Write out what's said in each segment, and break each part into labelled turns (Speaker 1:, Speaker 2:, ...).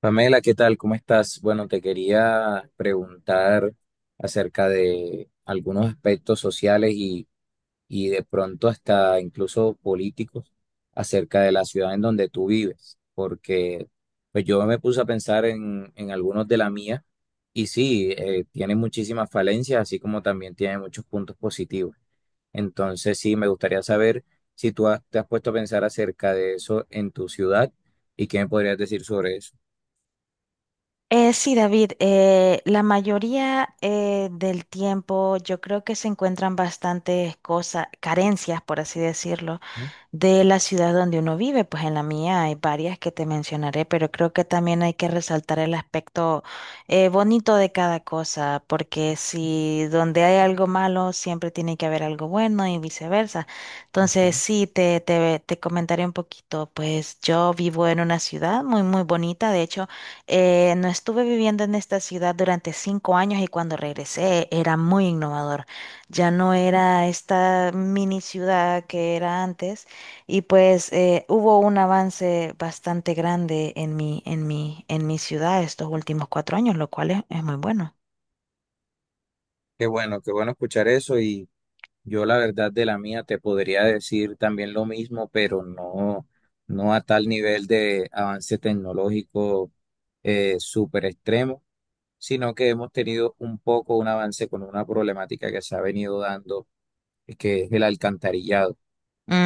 Speaker 1: Pamela, ¿qué tal? ¿Cómo estás? Bueno, te quería preguntar acerca de algunos aspectos sociales y de pronto hasta incluso políticos acerca de la ciudad en donde tú vives, porque pues yo me puse a pensar en algunos de la mía y sí, tiene muchísimas falencias, así como también tiene muchos puntos positivos. Entonces, sí, me gustaría saber si te has puesto a pensar acerca de eso en tu ciudad y qué me podrías decir sobre eso.
Speaker 2: Sí, David, la mayoría del tiempo yo creo que se encuentran bastantes cosas, carencias, por así decirlo de la ciudad donde uno vive. Pues en la mía hay varias que te mencionaré, pero creo que también hay que resaltar el aspecto bonito de cada cosa, porque si donde hay algo malo, siempre tiene que haber algo bueno y viceversa. Entonces,
Speaker 1: Ujú.
Speaker 2: sí, te comentaré un poquito. Pues yo vivo en una ciudad muy, muy bonita. De hecho, no estuve viviendo en esta ciudad durante cinco años y cuando regresé era muy innovador. Ya no era esta mini ciudad que era antes y pues hubo un avance bastante grande en mi ciudad estos últimos cuatro años, lo cual es muy bueno.
Speaker 1: Qué bueno escuchar eso y yo la verdad de la mía te podría decir también lo mismo, pero no, no a tal nivel de avance tecnológico súper extremo, sino que hemos tenido un poco un avance con una problemática que se ha venido dando, que es el alcantarillado.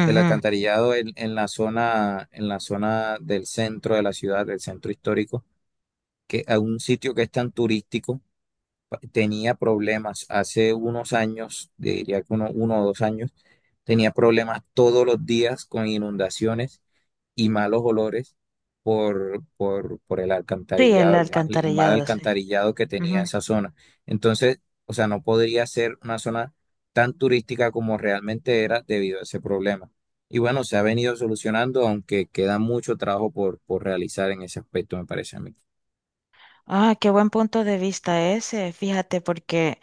Speaker 1: El alcantarillado en la zona del centro de la ciudad, del centro histórico, que a un sitio que es tan turístico tenía problemas hace unos años, diría que 1 o 2 años, tenía problemas todos los días con inundaciones y malos olores por el
Speaker 2: Sí, el
Speaker 1: alcantarillado, el mal,
Speaker 2: alcantarillado, sí.
Speaker 1: alcantarillado que tenía
Speaker 2: Ujú.
Speaker 1: esa zona. Entonces, o sea, no podría ser una zona tan turística como realmente era debido a ese problema. Y bueno, se ha venido solucionando, aunque queda mucho trabajo por realizar en ese aspecto, me parece a mí.
Speaker 2: Ah, qué buen punto de vista ese, fíjate, porque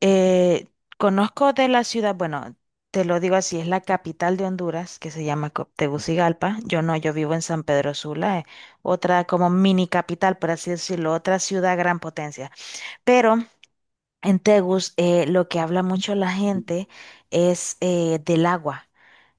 Speaker 2: eh, conozco de la ciudad, bueno, te lo digo así, es la capital de Honduras, que se llama Tegucigalpa. Yo no, yo vivo en San Pedro Sula, otra como mini capital, por así decirlo, otra ciudad gran potencia. Pero en Tegus, lo que habla mucho la gente es del agua.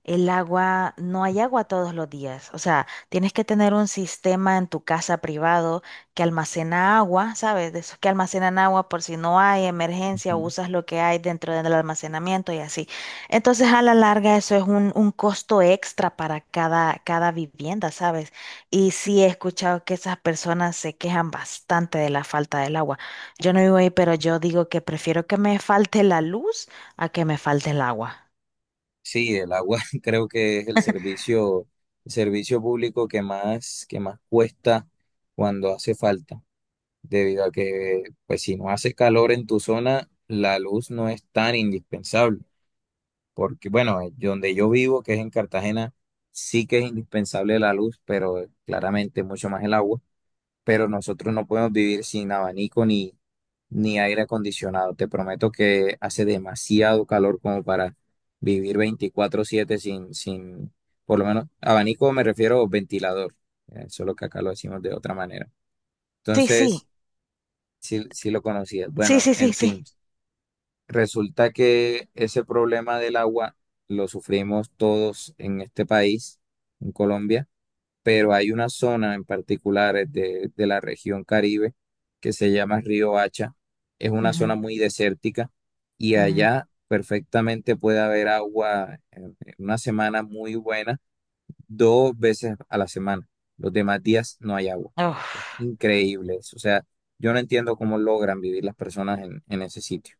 Speaker 2: El agua, no hay agua todos los días. O sea, tienes que tener un sistema en tu casa privado que almacena agua, ¿sabes? De esos que almacenan agua por si no hay emergencia, usas lo que hay dentro del almacenamiento y así. Entonces, a la larga, eso es un costo extra para cada, cada vivienda, ¿sabes? Y sí he escuchado que esas personas se quejan bastante de la falta del agua. Yo no vivo ahí, pero yo digo que prefiero que me falte la luz a que me falte el agua.
Speaker 1: Sí, el agua creo que es el servicio público que que más cuesta cuando hace falta, debido a que, pues si no hace calor en tu zona, la luz no es tan indispensable, porque bueno, donde yo vivo, que es en Cartagena, sí que es indispensable la luz, pero claramente mucho más el agua pero nosotros no podemos vivir sin abanico ni aire acondicionado. Te prometo que hace demasiado calor como para vivir 24/7 sin, sin, por lo menos, abanico me refiero a ventilador, solo que acá lo decimos de otra manera.
Speaker 2: Sí, sí.
Speaker 1: Entonces, sí, sí lo conocías.
Speaker 2: Sí,
Speaker 1: Bueno,
Speaker 2: sí,
Speaker 1: en
Speaker 2: sí,
Speaker 1: fin,
Speaker 2: sí.
Speaker 1: resulta que ese problema del agua lo sufrimos todos en este país, en Colombia pero hay una zona en particular de la región Caribe que se llama Río Hacha. Es una zona
Speaker 2: Ujú,
Speaker 1: muy desértica y
Speaker 2: ujú.
Speaker 1: allá perfectamente puede haber agua en una semana muy buena, dos veces a la semana. Los demás días no hay agua.
Speaker 2: Uf.
Speaker 1: Increíbles. O sea, yo no entiendo cómo logran vivir las personas en ese sitio.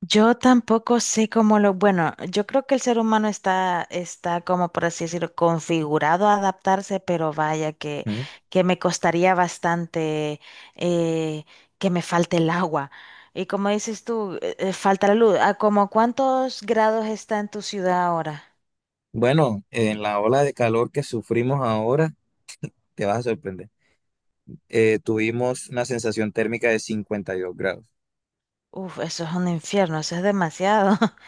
Speaker 2: Yo tampoco sé cómo lo... Bueno, yo creo que el ser humano está, está como por así decirlo, configurado a adaptarse, pero vaya
Speaker 1: ¿Mm?
Speaker 2: que me costaría bastante eh, que me falte el agua. Y como dices tú, falta la luz. ¿A como cuántos grados está en tu ciudad ahora?
Speaker 1: Bueno, en la ola de calor que sufrimos ahora, te vas a sorprender. Tuvimos una sensación térmica de 52 grados.
Speaker 2: Uf, eso es un infierno, eso es demasiado.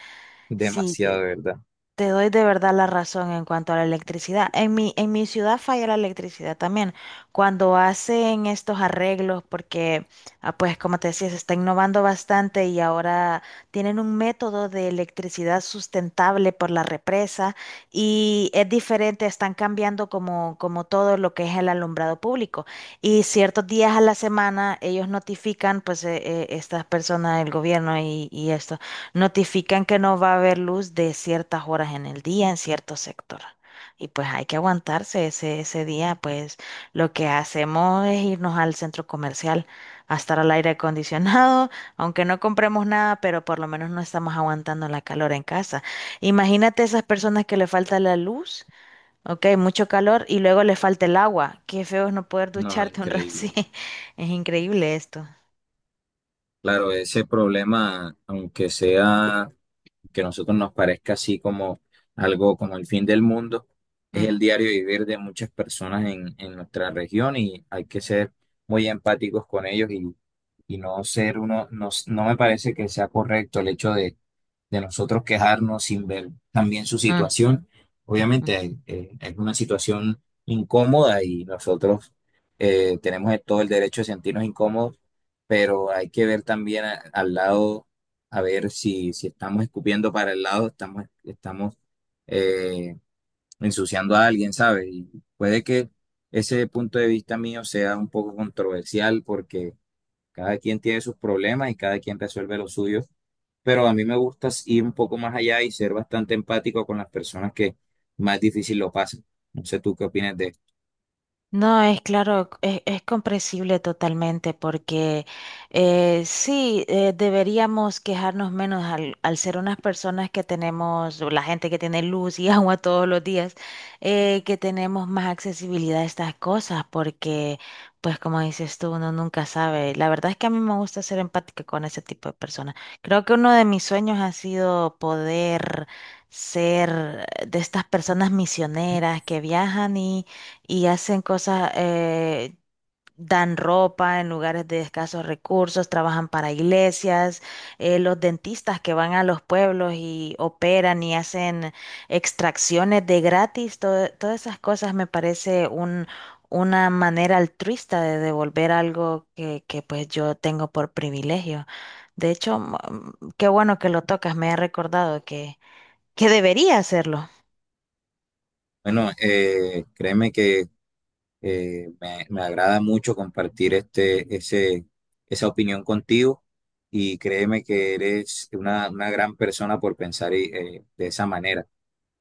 Speaker 2: Sí,
Speaker 1: Demasiado, ¿de verdad?
Speaker 2: te doy de verdad la razón en cuanto a la electricidad. En mi ciudad falla la electricidad también. Cuando hacen estos arreglos, porque, ah, pues como te decía, se está innovando bastante y ahora tienen un método de electricidad sustentable por la represa y es diferente, están cambiando como, como todo lo que es el alumbrado público. Y ciertos días a la semana ellos notifican, pues, estas personas, el gobierno y esto. Notifican que no va a haber luz de ciertas horas en el día en cierto sector. Y pues hay que aguantarse ese, ese día, pues lo que hacemos es irnos al centro comercial a estar al aire acondicionado, aunque no compremos nada, pero por lo menos no estamos aguantando la calor en casa. Imagínate esas personas que le falta la luz, ok, mucho calor, y luego le falta el agua. Qué feo es no poder
Speaker 1: No,
Speaker 2: ducharte un rato
Speaker 1: increíble.
Speaker 2: sí. Es increíble esto.
Speaker 1: Claro, ese problema, aunque sea que a nosotros nos parezca así como algo como el fin del mundo, es
Speaker 2: Mm,
Speaker 1: el diario vivir de muchas personas en nuestra región y hay que ser muy empáticos con ellos y no ser uno, no, no me parece que sea correcto el hecho de nosotros quejarnos sin ver también su
Speaker 2: mm,
Speaker 1: situación.
Speaker 2: mm.
Speaker 1: Obviamente es una situación incómoda y nosotros tenemos todo el derecho de sentirnos incómodos, pero hay que ver también al lado a ver si, si estamos escupiendo para el lado, estamos eh, ensuciando a alguien, ¿sabes? Y puede que ese punto de vista mío sea un poco controversial porque cada quien tiene sus problemas y cada quien resuelve los suyos, pero a mí me gusta ir un poco más allá y ser bastante empático con las personas que más difícil lo pasan. No sé tú qué opinas de esto.
Speaker 2: No, es claro, es comprensible totalmente porque sí, deberíamos quejarnos menos al, al ser unas personas que tenemos, o la gente que tiene luz y agua todos los días, que tenemos más accesibilidad a estas cosas porque, pues como dices tú, uno nunca sabe. La verdad es que a mí me gusta ser empática con ese tipo de personas. Creo que uno de mis sueños ha sido poder ser de estas personas misioneras que viajan y hacen cosas, dan ropa en lugares de escasos recursos, trabajan para iglesias, los dentistas que van a los pueblos y operan y hacen extracciones de gratis, todas esas cosas me parece un, una manera altruista de devolver algo que pues yo tengo por privilegio. De hecho, mm, qué bueno que lo tocas, me ha recordado que debería hacerlo.
Speaker 1: Bueno, créeme que me agrada mucho compartir esa opinión contigo y créeme que eres una gran persona por pensar y, de esa manera.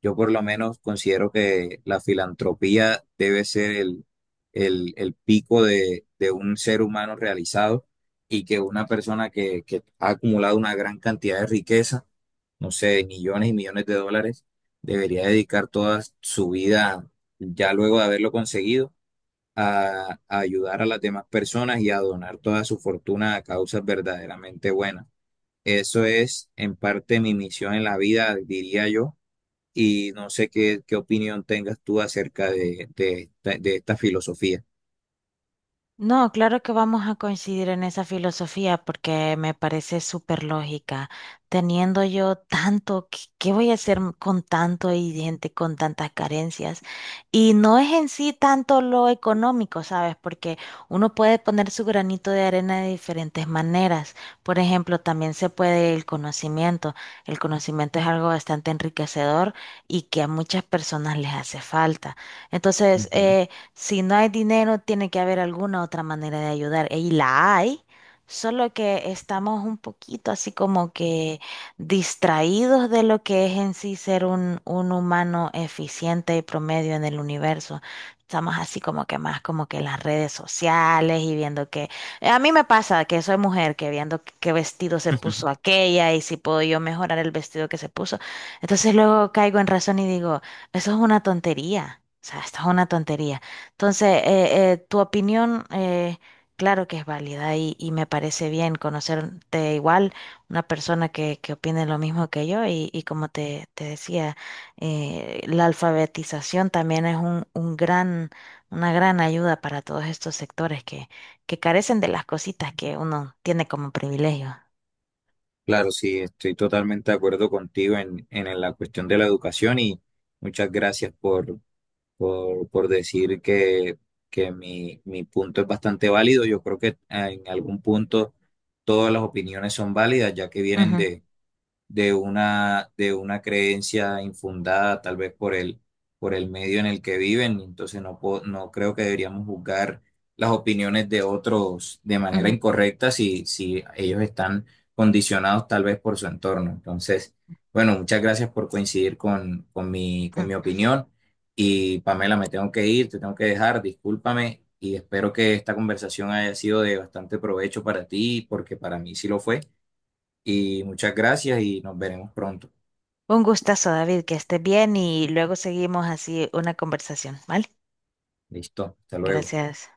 Speaker 1: Yo por lo menos considero que la filantropía debe ser el pico de un ser humano realizado y que una persona que ha acumulado una gran cantidad de riqueza, no sé, millones y millones de dólares, debería dedicar toda su vida ya luego de haberlo conseguido a ayudar a las demás personas y a donar toda su fortuna a causas verdaderamente buenas. Eso es en parte mi misión en la vida, diría yo, y no sé qué opinión tengas tú acerca de esta filosofía.
Speaker 2: No, claro que vamos a coincidir en esa filosofía porque me parece súper lógica. Teniendo yo tanto, ¿qué, qué voy a hacer con tanto y gente con tantas carencias? Y no es en sí tanto lo económico, ¿sabes? Porque uno puede poner su granito de arena de diferentes maneras. Por ejemplo, también se puede el conocimiento. El conocimiento es algo bastante enriquecedor y que a muchas personas les hace falta. Entonces,
Speaker 1: Ujú.
Speaker 2: si no hay dinero, tiene que haber alguna otra manera de ayudar. Y la hay, solo que estamos un poquito así como que distraídos de lo que es en sí ser un humano eficiente y promedio en el universo. Estamos así como que más como que en las redes sociales y viendo que... a mí me pasa que soy mujer, que viendo qué vestido se puso aquella y si puedo yo mejorar el vestido que se puso. Entonces luego caigo en razón y digo, eso es una tontería. O sea, esto es una tontería. Entonces, tu opinión, claro que es válida y me parece bien conocerte igual, una persona que opine lo mismo que yo y como te decía, la alfabetización también es un gran, una gran ayuda para todos estos sectores que carecen de las cositas que uno tiene como privilegio.
Speaker 1: Claro, sí, estoy totalmente de acuerdo contigo en la cuestión de la educación y muchas gracias por decir que mi punto es bastante válido. Yo creo que en algún punto todas las opiniones son válidas, ya que vienen
Speaker 2: Ujú,
Speaker 1: de una creencia infundada, tal vez por el medio en el que viven. Entonces no creo que deberíamos juzgar las opiniones de otros de manera
Speaker 2: ujú.
Speaker 1: incorrecta si ellos están condicionados tal vez por su entorno. Entonces, bueno, muchas gracias por coincidir con mi opinión. Y Pamela, me tengo que ir, te tengo que dejar, discúlpame. Y espero que esta conversación haya sido de bastante provecho para ti, porque para mí sí lo fue. Y muchas gracias y nos veremos pronto.
Speaker 2: Un gustazo, David, que estés bien y luego seguimos así una conversación, ¿vale?
Speaker 1: Listo, hasta luego.
Speaker 2: Gracias.